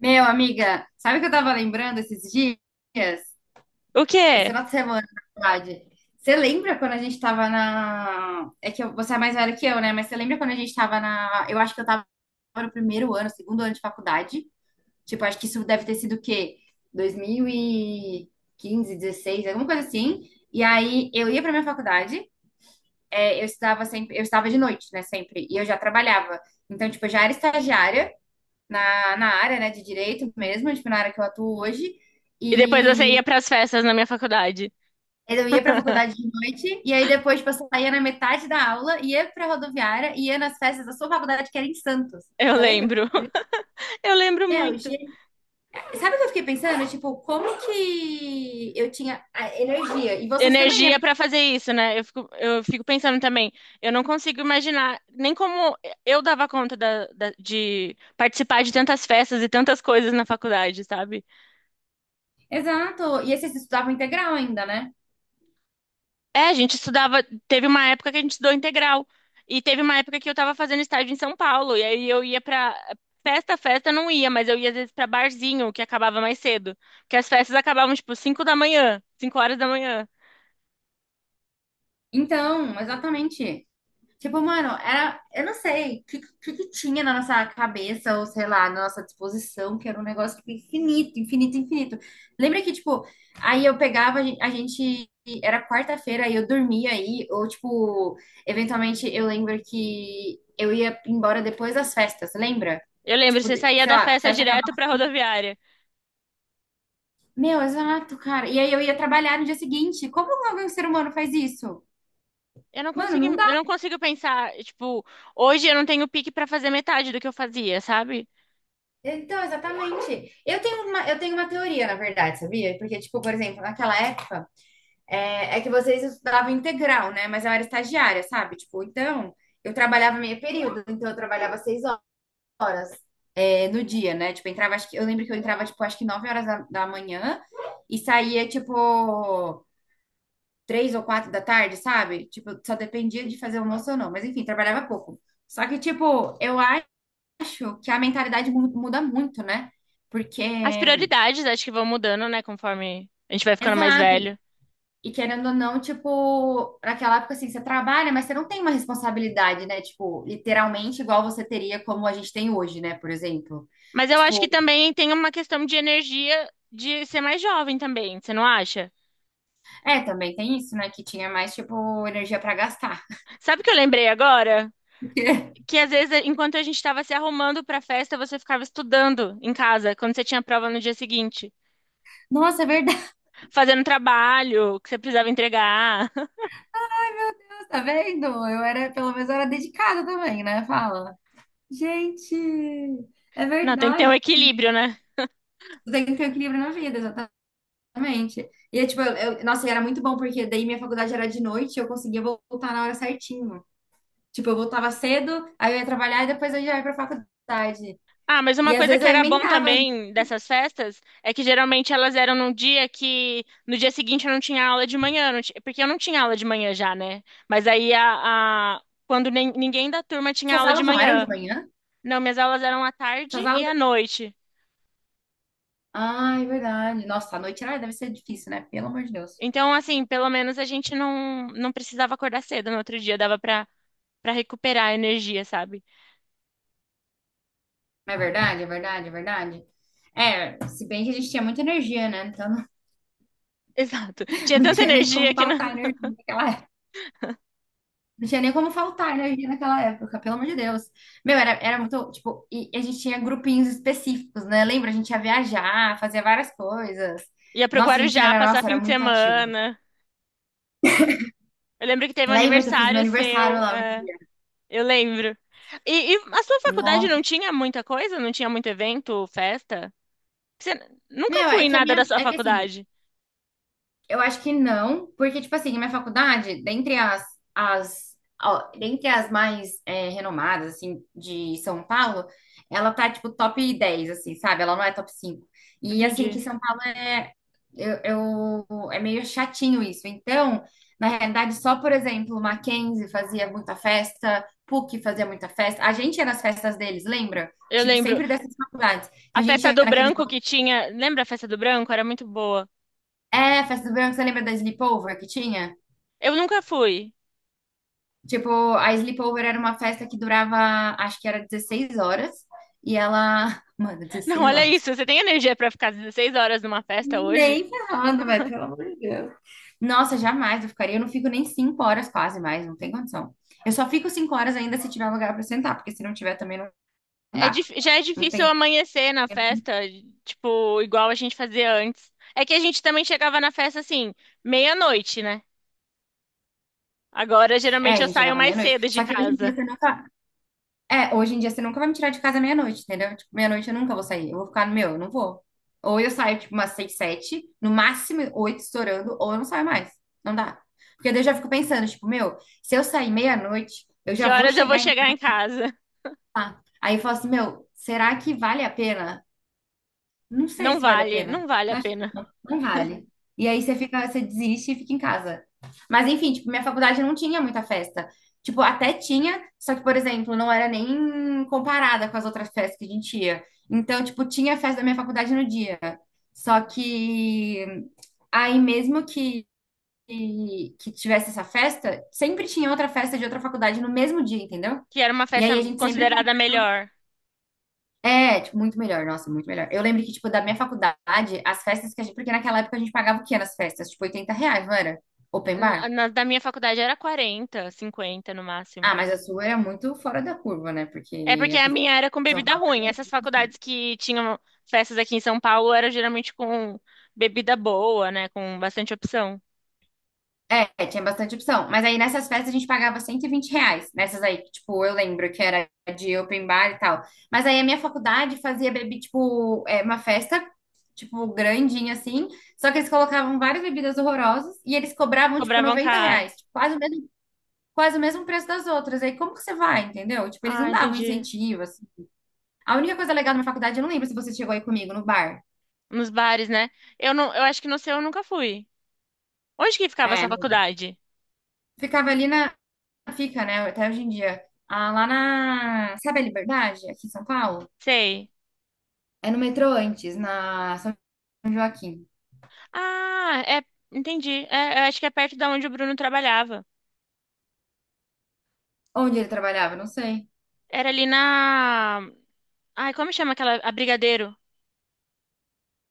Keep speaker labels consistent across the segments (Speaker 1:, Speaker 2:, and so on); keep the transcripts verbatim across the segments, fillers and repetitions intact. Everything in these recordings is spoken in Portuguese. Speaker 1: Meu, amiga, sabe o que eu tava lembrando esses dias?
Speaker 2: O
Speaker 1: Esse
Speaker 2: quê?
Speaker 1: final de semana, na verdade. Você lembra quando a gente tava na. É que eu- você é mais velho que eu, né? Mas você lembra quando a gente tava na. Eu acho que eu tava no primeiro ano, segundo ano de faculdade. Tipo, acho que isso deve ter sido o quê? Dois mil e quinze dezesseis alguma coisa assim. E aí eu ia pra minha faculdade, é, eu estudava sempre, eu estava de noite, né? Sempre. E eu já trabalhava. Então, tipo, eu já era estagiária na, na área, né, de direito mesmo, tipo, na área que eu atuo hoje.
Speaker 2: E depois você
Speaker 1: E
Speaker 2: ia pras festas na minha faculdade.
Speaker 1: eu ia para a faculdade de noite, e aí depois, tipo, eu saía na metade da aula, ia para a rodoviária, ia nas festas da sua faculdade, que era em Santos.
Speaker 2: Eu
Speaker 1: Você lembra?
Speaker 2: lembro. Eu lembro
Speaker 1: Meu,
Speaker 2: muito.
Speaker 1: gente, sabe o que eu fiquei pensando? Tipo, como que eu tinha a energia? E vocês também,
Speaker 2: Energia
Speaker 1: né?
Speaker 2: pra fazer isso, né? Eu fico, eu fico pensando também. Eu não consigo imaginar nem como eu dava conta da- da- de participar de tantas festas e tantas coisas na faculdade, sabe?
Speaker 1: Exato. E esses estudavam integral ainda, né?
Speaker 2: É, a gente estudava. Teve uma época que a gente estudou integral. E teve uma época que eu tava fazendo estágio em São Paulo. E aí eu ia pra. Festa, festa eu não ia, mas eu ia às vezes pra barzinho, que acabava mais cedo. Porque as festas acabavam, tipo, cinco da manhã, cinco horas da manhã.
Speaker 1: Então, exatamente. Tipo, mano, era, eu não sei o que, que, que tinha na nossa cabeça, ou sei lá, na nossa disposição, que era um negócio tipo, infinito, infinito, infinito. Lembra que, tipo, aí eu pegava, a gen- a gente, era quarta-feira, e eu dormia aí, ou, tipo, eventualmente eu lembro que eu ia embora depois das festas, lembra?
Speaker 2: Eu lembro,
Speaker 1: Tipo,
Speaker 2: você
Speaker 1: de-
Speaker 2: saía
Speaker 1: sei
Speaker 2: da
Speaker 1: lá,
Speaker 2: festa
Speaker 1: festa
Speaker 2: direto
Speaker 1: acabava.
Speaker 2: pra rodoviária.
Speaker 1: Meu, exato, cara. E aí eu ia trabalhar no dia seguinte. Como algum ser humano faz isso?
Speaker 2: Eu não
Speaker 1: Mano,
Speaker 2: consigo,
Speaker 1: não.
Speaker 2: eu não consigo pensar, tipo, hoje eu não tenho pique pra fazer metade do que eu fazia, sabe?
Speaker 1: Então, exatamente. Eu tenho uma, eu tenho uma teoria, na verdade, sabia? Porque, tipo, por exemplo, naquela época, é, é que vocês estudavam integral, né? Mas eu era estagiária, sabe? Tipo, então, eu trabalhava meio período, então eu trabalhava seis horas, é, no dia, né? Tipo, eu entrava, acho que, eu lembro que eu entrava, tipo, acho que nove horas da, da manhã e saía, tipo, três ou quatro da tarde, sabe? Tipo, só dependia de fazer almoço ou não. Mas, enfim, trabalhava pouco. Só que, tipo, eu acho que a mentalidade mu- muda muito, né? Porque
Speaker 2: As prioridades acho que vão mudando, né, conforme a gente vai ficando mais
Speaker 1: exato.
Speaker 2: velho.
Speaker 1: E querendo ou não, tipo, naquela época assim, você trabalha, mas você não tem uma responsabilidade, né? Tipo, literalmente igual você teria como a gente tem hoje, né? Por exemplo.
Speaker 2: Mas eu acho que
Speaker 1: Tipo,
Speaker 2: também tem uma questão de energia de ser mais jovem também, você não acha?
Speaker 1: é, também tem isso, né? Que tinha mais, tipo, energia pra gastar.
Speaker 2: Sabe o que eu lembrei agora? Que às vezes, enquanto a gente estava se arrumando para a festa, você ficava estudando em casa, quando você tinha prova no dia seguinte,
Speaker 1: Nossa, é verdade.
Speaker 2: fazendo trabalho que você precisava entregar.
Speaker 1: Tá vendo? Eu era, pelo menos, eu era dedicada também, né? Fala. Gente, é
Speaker 2: Não, tem que ter
Speaker 1: verdade.
Speaker 2: um equilíbrio, né?
Speaker 1: Tu tem que ter equilíbrio na vida, exatamente. E, é, tipo, eu, eu- nossa, e era muito bom, porque daí minha faculdade era de noite e eu conseguia voltar na hora certinho. Tipo, eu voltava cedo, aí eu ia trabalhar e depois eu já ia pra faculdade.
Speaker 2: Ah, mas
Speaker 1: E
Speaker 2: uma
Speaker 1: às
Speaker 2: coisa
Speaker 1: vezes
Speaker 2: que
Speaker 1: eu
Speaker 2: era bom
Speaker 1: emendava ainda.
Speaker 2: também dessas festas é que geralmente elas eram num dia que no dia seguinte eu não tinha aula de manhã, não ti- porque eu não tinha aula de manhã já, né? Mas aí a, a- quando nem- ninguém da turma tinha
Speaker 1: Suas
Speaker 2: aula de
Speaker 1: aulas não eram de
Speaker 2: manhã.
Speaker 1: manhã?
Speaker 2: Não, minhas aulas eram à tarde
Speaker 1: Suas
Speaker 2: e à
Speaker 1: aulas.
Speaker 2: noite.
Speaker 1: Ai, é verdade. Nossa, à noite ai, deve ser difícil, né? Pelo amor de Deus.
Speaker 2: Então, assim, pelo menos a gente não, não precisava acordar cedo no outro dia, dava pra, pra recuperar a energia, sabe?
Speaker 1: Não é verdade, é verdade, é verdade. É, se bem que a gente tinha muita energia, né? Então não,
Speaker 2: Exato. Tinha
Speaker 1: não
Speaker 2: tanta
Speaker 1: tinha nem
Speaker 2: energia
Speaker 1: como
Speaker 2: que não...
Speaker 1: faltar energia naquela época. Não tinha nem como faltar energia naquela época, pelo amor de Deus. Meu, era, era muito, tipo, e a gente tinha grupinhos específicos, né? Lembra? A gente ia viajar, fazia várias coisas.
Speaker 2: ia pro
Speaker 1: Nossa, a gente
Speaker 2: Guarujá
Speaker 1: era,
Speaker 2: passar
Speaker 1: nossa,
Speaker 2: fim
Speaker 1: era
Speaker 2: de
Speaker 1: muito ativo.
Speaker 2: semana. Eu lembro que teve um
Speaker 1: Lembra que eu fiz meu
Speaker 2: aniversário
Speaker 1: aniversário
Speaker 2: seu.
Speaker 1: lá um
Speaker 2: é,
Speaker 1: dia?
Speaker 2: Eu lembro. E, e a sua faculdade não
Speaker 1: Nossa.
Speaker 2: tinha muita coisa? Não tinha muito evento, festa? Você nunca
Speaker 1: Meu,
Speaker 2: fui
Speaker 1: é
Speaker 2: em
Speaker 1: que a
Speaker 2: nada da
Speaker 1: minha.
Speaker 2: sua
Speaker 1: É que assim,
Speaker 2: faculdade.
Speaker 1: eu acho que não, porque, tipo assim, a minha faculdade, dentre as, as, ó, dentre as mais é, renomadas, assim, de São Paulo, ela tá, tipo, top dez assim, sabe? Ela não é top cinco. E, assim, que
Speaker 2: Entendi.
Speaker 1: São Paulo é, eu, eu- é meio chatinho isso. Então, na realidade, só, por exemplo, Mackenzie fazia muita festa, PUC fazia muita festa. A gente ia nas festas deles, lembra?
Speaker 2: Eu
Speaker 1: Tipo,
Speaker 2: lembro.
Speaker 1: sempre dessas faculdades. Então,
Speaker 2: A
Speaker 1: a gente
Speaker 2: festa
Speaker 1: ia
Speaker 2: do
Speaker 1: naqueles.
Speaker 2: branco que tinha. Lembra a festa do branco? Era muito boa.
Speaker 1: É, festa do verão, você lembra da Sleepover que tinha?
Speaker 2: Eu nunca fui.
Speaker 1: Tipo, a Sleepover era uma festa que durava, acho que era dezesseis horas. E ela. Mano,
Speaker 2: Não,
Speaker 1: dezesseis
Speaker 2: olha
Speaker 1: horas.
Speaker 2: isso. Você tem energia pra ficar dezesseis horas numa festa hoje?
Speaker 1: Nem ferrando, velho, pelo amor de Deus. Nossa, jamais eu ficaria. Eu não fico nem cinco horas quase mais, não tem condição. Eu só fico cinco horas ainda se tiver lugar pra sentar, porque se não tiver também não
Speaker 2: É,
Speaker 1: dá.
Speaker 2: dif- já é
Speaker 1: Não
Speaker 2: difícil
Speaker 1: tem.
Speaker 2: amanhecer na festa, tipo, igual a gente fazia antes. É que a gente também chegava na festa assim, meia-noite, né? Agora
Speaker 1: É,
Speaker 2: geralmente
Speaker 1: a
Speaker 2: eu
Speaker 1: gente
Speaker 2: saio
Speaker 1: chegava
Speaker 2: mais
Speaker 1: meia-noite.
Speaker 2: cedo de
Speaker 1: Só que hoje em dia
Speaker 2: casa.
Speaker 1: você não. É, hoje em dia você nunca vai me tirar de casa meia-noite, entendeu? Tipo, meia-noite eu nunca vou sair. Eu vou ficar no meu, eu não vou. Ou eu saio, tipo, umas seis, sete, no máximo oito estourando, ou eu não saio mais. Não dá. Porque daí eu já fico pensando, tipo, meu, se eu sair meia-noite, eu
Speaker 2: Que
Speaker 1: já vou
Speaker 2: horas eu vou
Speaker 1: chegar em
Speaker 2: chegar em casa?
Speaker 1: casa. Aí eu falo assim, meu, será que vale a pena? Não sei
Speaker 2: Não
Speaker 1: se vale a
Speaker 2: vale, não
Speaker 1: pena.
Speaker 2: vale a pena.
Speaker 1: Não vale. E aí você fica, você desiste e fica em casa. Mas enfim, tipo, minha faculdade não tinha muita festa. Tipo, até tinha, só que, por exemplo, não era nem comparada com as outras festas que a gente ia. Então, tipo, tinha festa da minha faculdade no dia. Só que aí mesmo que que tivesse essa festa, sempre tinha outra festa de outra faculdade no mesmo dia, entendeu?
Speaker 2: Que era uma
Speaker 1: E
Speaker 2: festa
Speaker 1: aí a gente sempre
Speaker 2: considerada melhor.
Speaker 1: é, tipo, muito melhor, nossa, muito melhor. Eu lembro que, tipo, da minha faculdade, as festas que a gente. Porque naquela época a gente pagava o quê nas festas? Tipo, oitenta reais, não era? Open
Speaker 2: Na,
Speaker 1: bar?
Speaker 2: na- da minha faculdade era quarenta, cinquenta no
Speaker 1: Ah,
Speaker 2: máximo.
Speaker 1: mas a sua era muito fora da curva, né? Porque
Speaker 2: É porque a
Speaker 1: aqui em
Speaker 2: minha era com
Speaker 1: São
Speaker 2: bebida ruim.
Speaker 1: Paulo.
Speaker 2: Essas faculdades que tinham festas aqui em São Paulo era geralmente com bebida boa, né? Com bastante opção.
Speaker 1: É, tinha bastante opção. Mas aí nessas festas a gente pagava cento e vinte reais. Nessas aí, que, tipo, eu lembro que era de open bar e tal. Mas aí a minha faculdade fazia bebi, tipo, é, uma festa. Tipo, grandinha assim, só que eles colocavam várias bebidas horrorosas e eles cobravam, tipo,
Speaker 2: Cobravam
Speaker 1: noventa
Speaker 2: caro.
Speaker 1: reais, tipo, quase o mesmo quase o mesmo preço das outras. Aí como que você vai, entendeu? Tipo, eles
Speaker 2: Ah,
Speaker 1: não davam
Speaker 2: entendi.
Speaker 1: incentivo, assim. A única coisa legal da minha faculdade, eu não lembro se você chegou aí comigo no bar.
Speaker 2: Nos bares, né? Eu não, eu acho que no seu eu nunca fui. Onde que ficava
Speaker 1: É,
Speaker 2: essa
Speaker 1: não-
Speaker 2: faculdade?
Speaker 1: ficava ali na. Fica, né? Até hoje em dia. Ah, lá na. Sabe a Liberdade, aqui em São Paulo?
Speaker 2: Sei.
Speaker 1: É no metrô antes, na São Joaquim.
Speaker 2: Ah, é, entendi. É, eu acho que é perto da onde o Bruno trabalhava.
Speaker 1: Onde ele trabalhava? Não sei.
Speaker 2: Era ali na. Ai, como chama aquela. A Brigadeiro,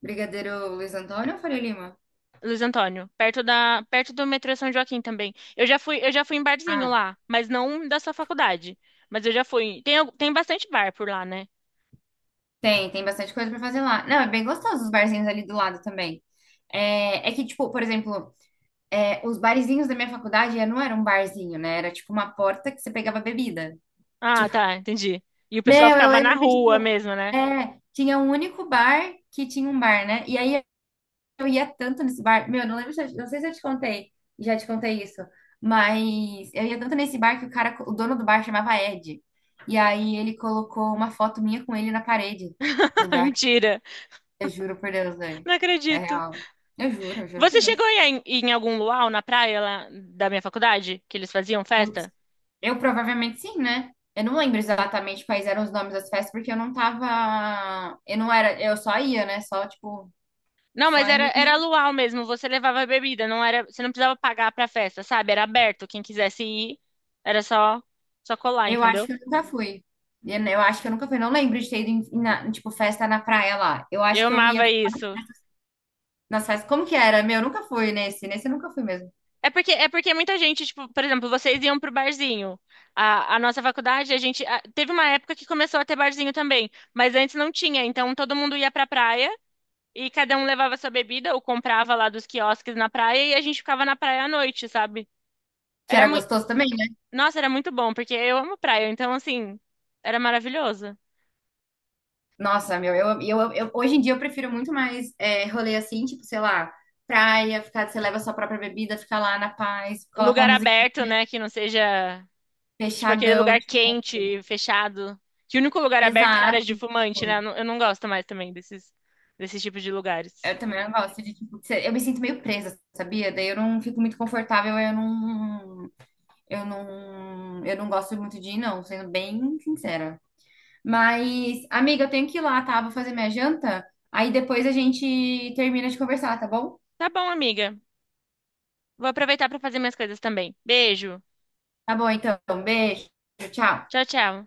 Speaker 1: Brigadeiro Luiz Antônio ou Faria Lima?
Speaker 2: Luiz Antônio. Perto da... perto do metrô São Joaquim também. Eu já fui, eu já fui em barzinho
Speaker 1: Ah,
Speaker 2: lá, mas não da sua faculdade. Mas eu já fui. Tem, al- tem bastante bar por lá, né?
Speaker 1: tem, tem bastante coisa pra fazer lá. Não, é bem gostoso os barzinhos ali do lado também. É, é que, tipo, por exemplo. É, os barzinhos da minha faculdade é, não era um barzinho, né? Era tipo uma porta que você pegava bebida.
Speaker 2: Ah,
Speaker 1: Tipo,
Speaker 2: tá, entendi. E o pessoal
Speaker 1: meu, eu
Speaker 2: ficava na
Speaker 1: lembro que,
Speaker 2: rua
Speaker 1: tipo,
Speaker 2: mesmo, né?
Speaker 1: é, tinha um único bar que tinha um bar, né? E aí eu ia tanto nesse bar. Meu, não lembro se eu, não sei se eu te contei, já te contei isso, mas eu ia tanto nesse bar que o cara, o dono do bar chamava Ed. E aí ele colocou uma foto minha com ele na parede do bar.
Speaker 2: Mentira,
Speaker 1: Eu juro por Deus, velho.
Speaker 2: não
Speaker 1: É
Speaker 2: acredito.
Speaker 1: real. Eu juro, eu juro por
Speaker 2: Você chegou em, em algum luau na praia lá da minha faculdade? Que eles faziam
Speaker 1: Deus.
Speaker 2: festa?
Speaker 1: Eu provavelmente sim, né? Eu não lembro exatamente quais eram os nomes das festas, porque eu não tava. Eu não era. Eu só ia, né? Só, tipo.
Speaker 2: Não,
Speaker 1: Só
Speaker 2: mas era,
Speaker 1: em.
Speaker 2: era luau mesmo, você levava a bebida, não era, você não precisava pagar pra festa, sabe? Era aberto, quem quisesse ir, era só só colar,
Speaker 1: Eu acho
Speaker 2: entendeu?
Speaker 1: que eu nunca fui. Eu eu acho que eu nunca fui. Não lembro de ter ido em, na- tipo, festa na praia lá. Eu acho
Speaker 2: Eu
Speaker 1: que eu ia
Speaker 2: amava isso.
Speaker 1: nas festas. Como que era? Meu, eu nunca fui nesse. Nesse eu nunca fui mesmo.
Speaker 2: É porque é porque muita gente, tipo, por exemplo, vocês iam pro barzinho. A, a nossa faculdade, a gente a- teve uma época que começou a ter barzinho também, mas antes não tinha, então todo mundo ia pra praia e cada um levava sua bebida ou comprava lá dos quiosques na praia e a gente ficava na praia à noite, sabe?
Speaker 1: Que
Speaker 2: Era
Speaker 1: era
Speaker 2: muito,
Speaker 1: gostoso também, né?
Speaker 2: nossa, era muito bom, porque eu amo praia, então assim, era maravilhoso.
Speaker 1: Nossa, meu, eu, eu, eu- hoje em dia eu prefiro muito mais é, rolê assim, tipo, sei lá, praia, ficar, você leva a sua própria bebida, ficar lá na paz, coloca uma
Speaker 2: Lugar aberto,
Speaker 1: musiquinha
Speaker 2: né? Que não seja, tipo, aquele
Speaker 1: fechadão,
Speaker 2: lugar
Speaker 1: tipo.
Speaker 2: quente, fechado. Que o único lugar aberto é áreas de
Speaker 1: Exato.
Speaker 2: fumante, né? Eu não eu não gosto mais também desses, desses tipos de lugares.
Speaker 1: Eu também não gosto de, tipo, ser- eu me sinto meio presa, sabia? Daí eu não fico muito confortável, eu não, eu não, eu não gosto muito de ir, não, sendo bem sincera. Mas, amiga, eu tenho que ir lá, tá? Vou fazer minha janta, aí depois a gente termina de conversar, tá bom?
Speaker 2: Tá bom, amiga. Vou aproveitar para fazer minhas coisas também. Beijo.
Speaker 1: Tá bom, então. Beijo, tchau.
Speaker 2: Tchau, tchau.